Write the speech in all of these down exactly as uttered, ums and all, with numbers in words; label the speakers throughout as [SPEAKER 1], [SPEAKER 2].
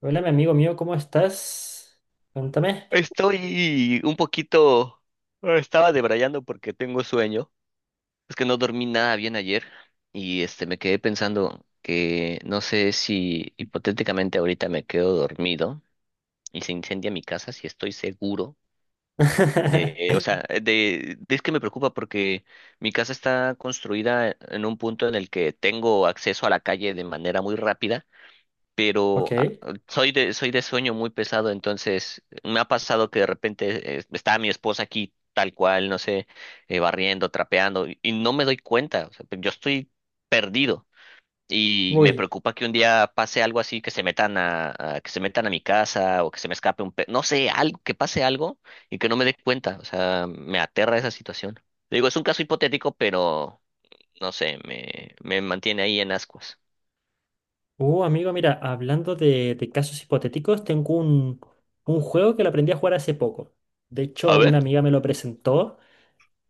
[SPEAKER 1] Hola, mi amigo mío, ¿cómo estás? Cuéntame.
[SPEAKER 2] Estoy un poquito... ah, estaba debrayando porque tengo sueño. Es que no dormí nada bien ayer y este me quedé pensando que no sé si hipotéticamente ahorita me quedo dormido y se incendia mi casa, si estoy seguro de, o sea, de, de- es que me preocupa porque mi casa está construida en un punto en el que tengo acceso a la calle de manera muy rápida pero ah,
[SPEAKER 1] Ok.
[SPEAKER 2] soy de, soy de sueño muy pesado. Entonces me ha pasado que de repente eh, está mi esposa aquí tal cual, no sé, eh, barriendo, trapeando, y, y no me doy cuenta, o sea, yo estoy perdido. Y me
[SPEAKER 1] Uy.
[SPEAKER 2] preocupa que un día pase algo así, que se metan a, a- que se metan a mi casa o que se me escape un pe, no sé, algo, que pase algo y que no me dé cuenta. O sea, me aterra esa situación. Digo, es un caso hipotético, pero no sé, me, me mantiene ahí en ascuas.
[SPEAKER 1] Uh, amigo, mira, hablando de, de casos hipotéticos, tengo un, un juego que lo aprendí a jugar hace poco. De hecho,
[SPEAKER 2] A ver.
[SPEAKER 1] una amiga me lo presentó,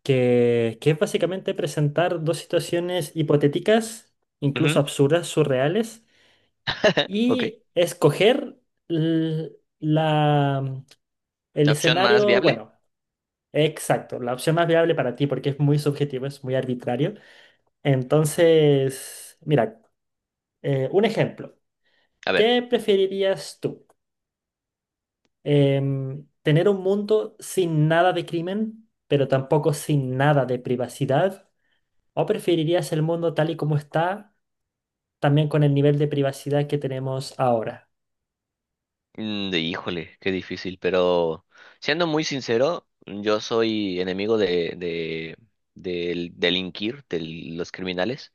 [SPEAKER 1] que, que es básicamente presentar dos situaciones hipotéticas, incluso
[SPEAKER 2] Ujú.
[SPEAKER 1] absurdas, surreales,
[SPEAKER 2] Ok.
[SPEAKER 1] y escoger l- la, el
[SPEAKER 2] La opción más
[SPEAKER 1] escenario,
[SPEAKER 2] viable.
[SPEAKER 1] bueno, exacto, la opción más viable para ti, porque es muy subjetivo, es muy arbitrario. Entonces, mira, eh, un ejemplo.
[SPEAKER 2] A ver,
[SPEAKER 1] ¿Qué preferirías tú? Em, ¿tener un mundo sin nada de crimen, pero tampoco sin nada de privacidad? ¿O preferirías el mundo tal y como está, también con el nivel de privacidad que tenemos ahora?
[SPEAKER 2] mm, de híjole, qué difícil, pero siendo muy sincero, yo soy enemigo de, de, del delinquir, de los criminales.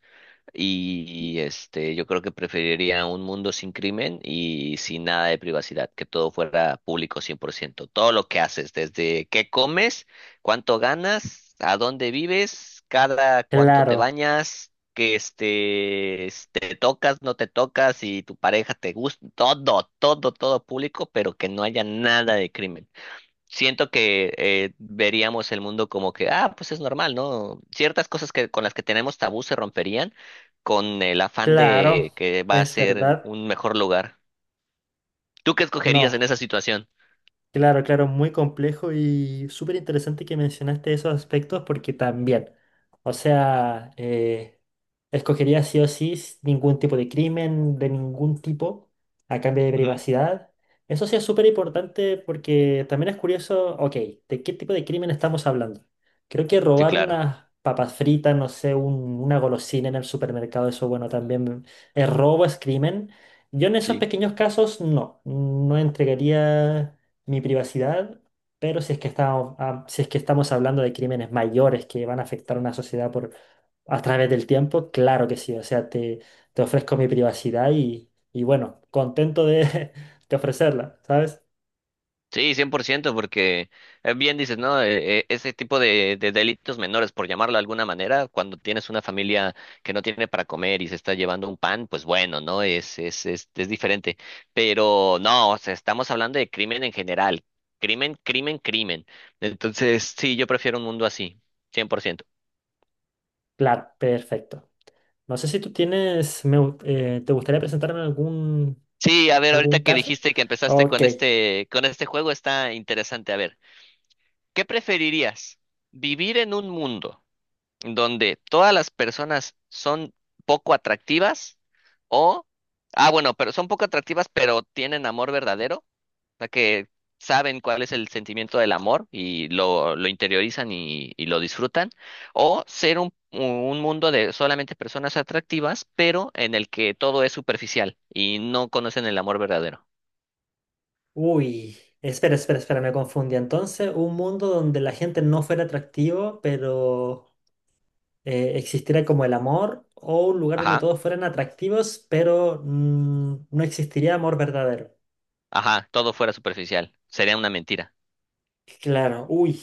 [SPEAKER 2] Y este, yo creo que preferiría un mundo sin crimen y sin nada de privacidad, que todo fuera público cien por ciento. Todo lo que haces, desde qué comes, cuánto ganas, a dónde vives, cada cuánto te
[SPEAKER 1] Claro,
[SPEAKER 2] bañas, que este, s- te tocas, no te tocas, y tu pareja te gusta, todo, todo, todo público, pero que no haya nada de crimen. Siento que eh, veríamos el mundo como que, ah, pues es normal, ¿no? Ciertas cosas que con las que tenemos tabú se romperían con el afán
[SPEAKER 1] claro,
[SPEAKER 2] de que va a
[SPEAKER 1] es
[SPEAKER 2] ser
[SPEAKER 1] verdad.
[SPEAKER 2] un mejor lugar. ¿Tú qué escogerías
[SPEAKER 1] No.
[SPEAKER 2] en esa situación?
[SPEAKER 1] Claro, claro, muy complejo y súper interesante que mencionaste esos aspectos porque también, o sea, eh, escogería sí o sí s- ningún tipo de crimen, de ningún tipo, a cambio de
[SPEAKER 2] Ujú.
[SPEAKER 1] privacidad. Eso sí es súper importante porque también es curioso, ok, ¿de qué tipo de crimen estamos hablando? Creo que
[SPEAKER 2] Sí,
[SPEAKER 1] robar
[SPEAKER 2] claro.
[SPEAKER 1] unas papas fritas, no sé, un- una golosina en el supermercado, eso bueno, también es robo, es crimen. Yo en esos
[SPEAKER 2] Sí.
[SPEAKER 1] pequeños casos no, no entregaría mi privacidad, pero si es que estamos, ah, si es que estamos hablando de crímenes mayores que van a afectar a una sociedad por, a través del tiempo, claro que sí, o sea, te, te ofrezco mi privacidad y, y bueno, contento de, de ofrecerla, ¿sabes?
[SPEAKER 2] Sí, cien por ciento, porque eh, bien dices, ¿no? Eh, eh, Ese tipo de, de delitos menores, por llamarlo de alguna manera, cuando tienes una familia que no tiene para comer y se está llevando un pan, pues bueno, ¿no? Es, es, es, es diferente. Pero no, o sea, estamos hablando de crimen en general. Crimen, crimen, crimen. Entonces, sí, yo prefiero un mundo así, cien por ciento.
[SPEAKER 1] Claro, perfecto. No sé si tú tienes, me gu- eh, ¿te gustaría presentarme algún,
[SPEAKER 2] Sí, a ver, ahorita
[SPEAKER 1] algún
[SPEAKER 2] que
[SPEAKER 1] caso?
[SPEAKER 2] dijiste que empezaste
[SPEAKER 1] Ok,
[SPEAKER 2] con este, con este juego, está interesante. A ver, ¿qué preferirías? ¿Vivir en un mundo donde todas las personas son poco atractivas o, ah, bueno, pero son poco atractivas, pero tienen amor verdadero? O sea, que saben cuál es el sentimiento del amor y lo, lo interiorizan y, y lo disfrutan, o ser un, un mundo de solamente personas atractivas, pero en el que todo es superficial y no conocen el amor verdadero.
[SPEAKER 1] uy. Espera, espera, espera, me confundí. Entonces, ¿un mundo donde la gente no fuera atractivo, pero eh, existiera como el amor, o un lugar donde
[SPEAKER 2] Ajá,
[SPEAKER 1] todos fueran atractivos, pero mm, no existiría amor verdadero?
[SPEAKER 2] ajá, todo fuera superficial. Sería una mentira.
[SPEAKER 1] Claro, uy,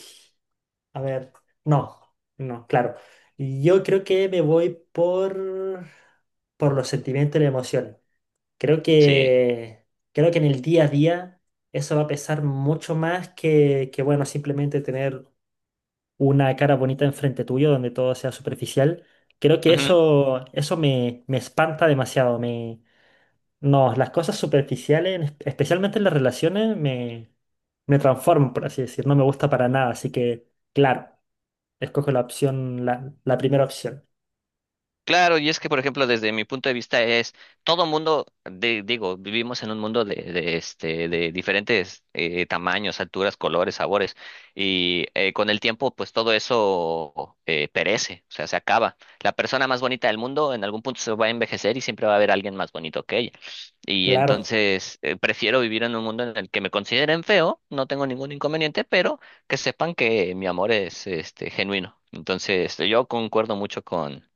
[SPEAKER 1] a ver, no, no, claro. Yo creo que me voy por, por los sentimientos y la emoción. Creo
[SPEAKER 2] Sí.
[SPEAKER 1] que, creo que en el día a día eso va a pesar mucho más que, que, bueno, simplemente tener una cara bonita enfrente tuyo donde todo sea superficial. Creo que eso, eso me, me espanta demasiado. No, las cosas superficiales, en es- especialmente en las relaciones, me, me transforman, por así decir. No me gusta para nada, así que, claro, escojo la opción, la, la primera opción.
[SPEAKER 2] Claro, y es que, por ejemplo, desde mi punto de vista es, todo mundo, de- digo, vivimos en un mundo de, de, este, de diferentes eh, tamaños, alturas, colores, sabores, y eh, con el tiempo, pues todo eso eh, perece, o sea, se acaba. La persona más bonita del mundo en algún punto se va a envejecer y siempre va a haber alguien más bonito que ella. Y
[SPEAKER 1] Claro.
[SPEAKER 2] entonces, eh, prefiero vivir en un mundo en el que me consideren feo, no tengo ningún inconveniente, pero que sepan que mi amor es este, genuino. Entonces, yo concuerdo mucho con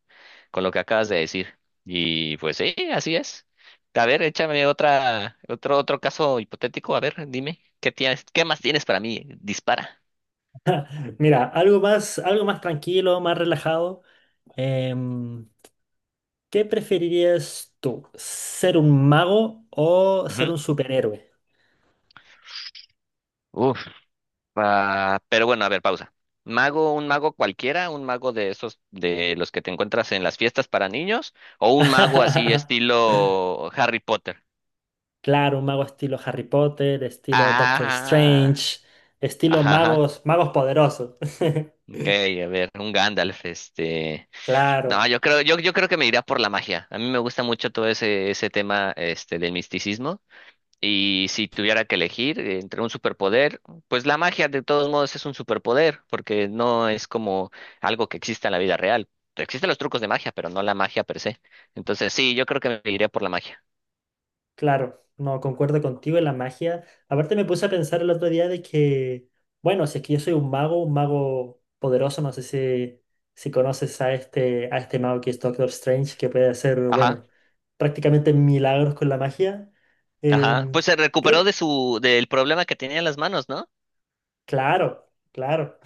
[SPEAKER 2] con lo que acabas de decir. Y pues sí, así es. A ver, échame otra, otro, otro caso hipotético. A ver, dime, ¿qué tienes, qué más tienes para mí? Dispara.
[SPEAKER 1] Mira, algo más, algo más tranquilo, más relajado. Em, ¿qué preferirías tú? ¿Ser un mago o ser
[SPEAKER 2] Ujú.
[SPEAKER 1] un superhéroe?
[SPEAKER 2] Uf, ah, pero bueno, a ver, pausa. Mago, un mago cualquiera, un mago de esos, de los que te encuentras en las fiestas para niños, o un mago así estilo Harry Potter.
[SPEAKER 1] Claro, un mago estilo Harry Potter, estilo Doctor
[SPEAKER 2] Ah,
[SPEAKER 1] Strange, estilo
[SPEAKER 2] ajá, ajá.
[SPEAKER 1] magos, magos poderosos.
[SPEAKER 2] Ok, a ver, un Gandalf, este. No,
[SPEAKER 1] Claro.
[SPEAKER 2] yo creo, yo, yo creo que me iría por la magia. A mí me gusta mucho todo ese, ese tema este, del misticismo. Y si tuviera que elegir eh, entre un superpoder, pues la magia de todos modos es un superpoder, porque no es como algo que exista en la vida real. Existen los trucos de magia, pero no la magia per se. Entonces sí, yo creo que me iría por la magia.
[SPEAKER 1] Claro, no, concuerdo contigo en la magia. Aparte me puse a pensar el otro día de que, bueno, si es que yo soy un mago, un mago poderoso, no sé si, si conoces a este, a este mago que es Doctor Strange, que puede hacer,
[SPEAKER 2] Ajá,
[SPEAKER 1] bueno, prácticamente milagros con la magia.
[SPEAKER 2] ajá.
[SPEAKER 1] Em,
[SPEAKER 2] Pues se
[SPEAKER 1] creo,
[SPEAKER 2] recuperó de su, del problema que tenía en las manos, ¿no?
[SPEAKER 1] claro, claro.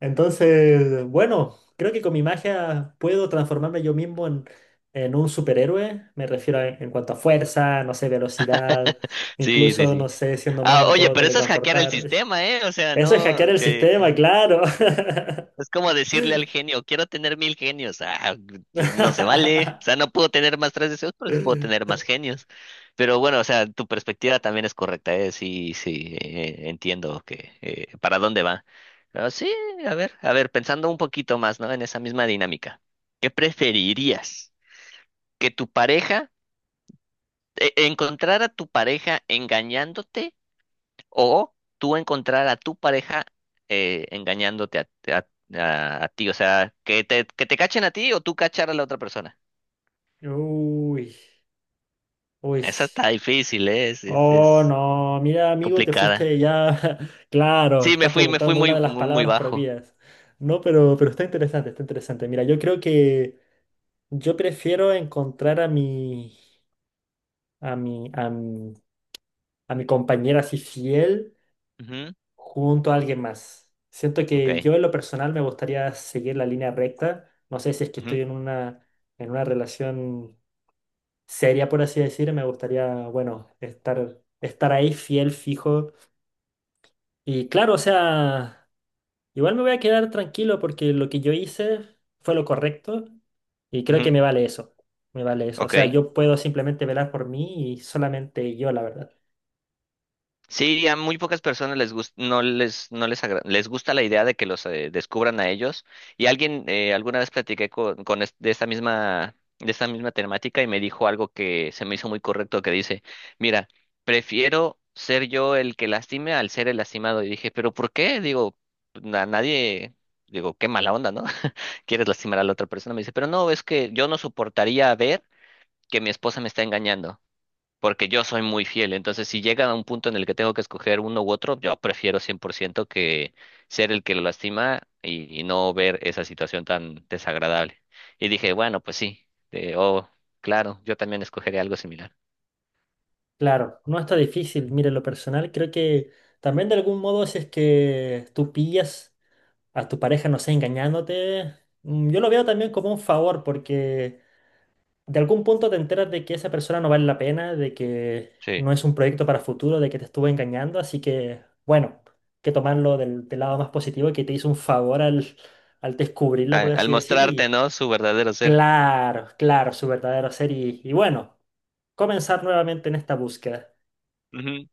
[SPEAKER 1] Entonces, bueno, creo que con mi magia puedo transformarme yo mismo en, en un superhéroe. Me refiero a- en cuanto a fuerza, no sé, velocidad,
[SPEAKER 2] Sí, sí,
[SPEAKER 1] incluso,
[SPEAKER 2] sí.
[SPEAKER 1] no sé, siendo mago
[SPEAKER 2] Ah,
[SPEAKER 1] me
[SPEAKER 2] oye,
[SPEAKER 1] puedo
[SPEAKER 2] pero eso es hackear el
[SPEAKER 1] teletransportar.
[SPEAKER 2] sistema, ¿eh? O sea,
[SPEAKER 1] Eso es
[SPEAKER 2] no,
[SPEAKER 1] hackear el
[SPEAKER 2] que
[SPEAKER 1] sistema, claro.
[SPEAKER 2] es como decirle al genio, quiero tener mil genios. Ah, pues no se vale. O sea, no puedo tener más tres deseos, pero sí puedo tener más genios. Pero bueno, o sea, tu perspectiva también es correcta, ¿eh? Sí, sí, eh, entiendo que eh, para dónde va. Pero sí, a ver, a ver, pensando un poquito más, ¿no? En esa misma dinámica. ¿Qué preferirías? ¿Que tu pareja, eh, encontrar a tu pareja engañándote o tú encontrar a tu pareja eh, engañándote a, a- a- a ti? O sea, que te, que te cachen a ti o tú cachar a la otra persona.
[SPEAKER 1] Uy, uy.
[SPEAKER 2] Esa está difícil, ¿eh? Es, es,
[SPEAKER 1] Oh,
[SPEAKER 2] es
[SPEAKER 1] no, mira, amigo, te
[SPEAKER 2] complicada.
[SPEAKER 1] fuiste ya. Claro,
[SPEAKER 2] Sí, me
[SPEAKER 1] estás
[SPEAKER 2] fui, me fui
[SPEAKER 1] preguntando una
[SPEAKER 2] muy,
[SPEAKER 1] de las
[SPEAKER 2] muy, muy
[SPEAKER 1] palabras
[SPEAKER 2] bajo.
[SPEAKER 1] prohibidas. No, pero, pero está interesante, está interesante. Mira, yo creo que... Yo prefiero encontrar a mi, a mi, a mi, a mi compañera así fiel
[SPEAKER 2] Ujú.
[SPEAKER 1] junto a alguien más. Siento
[SPEAKER 2] Ok.
[SPEAKER 1] que yo en lo personal me gustaría seguir la línea recta. No sé si es que estoy
[SPEAKER 2] Ujú,
[SPEAKER 1] en una, en una relación seria, por así decir. Me gustaría, bueno, estar, estar ahí fiel, fijo. Y claro, o sea... Igual me voy a quedar tranquilo porque lo que yo hice fue lo correcto y creo
[SPEAKER 2] ujú.
[SPEAKER 1] que me vale eso. Me vale eso. O sea,
[SPEAKER 2] Ok.
[SPEAKER 1] yo puedo simplemente velar por mí y solamente yo, la verdad.
[SPEAKER 2] Sí, a muy pocas personas les gusta, no les, no les, agra- les gusta la idea de que los eh, descubran a ellos. Y alguien, eh, alguna vez platiqué con, con es- de esta misma, de esta misma temática y me dijo algo que se me hizo muy correcto, que dice, mira, prefiero ser yo el que lastime al ser el lastimado. Y dije, ¿pero por qué? Digo, a nadie, digo, qué mala onda, ¿no? Quieres lastimar a la otra persona. Me dice, pero no, es que yo no soportaría ver que mi esposa me está engañando porque yo soy muy fiel. Entonces, si llega a un punto en el que tengo que escoger uno u otro, yo prefiero cien por ciento que ser el que lo lastima y, y no ver esa situación tan desagradable. Y dije, bueno, pues sí, eh, oh, claro, yo también escogeré algo similar.
[SPEAKER 1] Claro, no está difícil. Mire, lo personal, creo que también de algún modo si es que tú pillas a tu pareja, no sé, engañándote, mm, yo lo veo también como un favor porque de algún punto te enteras de que esa persona no vale la pena, de que
[SPEAKER 2] Sí.
[SPEAKER 1] no es un proyecto para futuro, de que te estuvo engañando, así que, bueno, que tomarlo del, del lado más positivo, que te hizo un favor al, al descubrirla, por
[SPEAKER 2] A- al
[SPEAKER 1] así decir,
[SPEAKER 2] mostrarte,
[SPEAKER 1] y
[SPEAKER 2] ¿no? Su verdadero ser.
[SPEAKER 1] claro, claro, su verdadero ser, y, y bueno, comenzar nuevamente en esta búsqueda.
[SPEAKER 2] Ujú.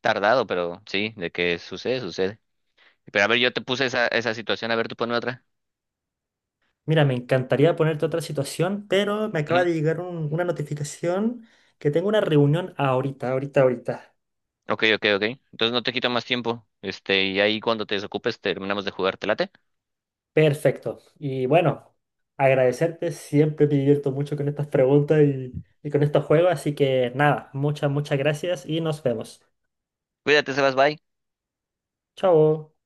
[SPEAKER 2] Tardado, pero sí, de que sucede, sucede. Pero a ver, yo te puse esa, esa situación, a ver, tú ponme otra.
[SPEAKER 1] Mira, me encantaría ponerte otra situación, pero me acaba
[SPEAKER 2] Ujú.
[SPEAKER 1] de llegar un- una notificación que tengo una reunión ahorita, ahorita, ahorita.
[SPEAKER 2] Ok, ok, ok. Entonces no te quito más tiempo. Este, y ahí cuando te desocupes terminamos de jugar, ¿te late?
[SPEAKER 1] Perfecto. Y bueno, agradecerte. Siempre me divierto mucho con estas preguntas y, y con estos juegos. Así que nada, muchas, muchas gracias y nos vemos.
[SPEAKER 2] Cuídate, Sebas, bye.
[SPEAKER 1] Chao.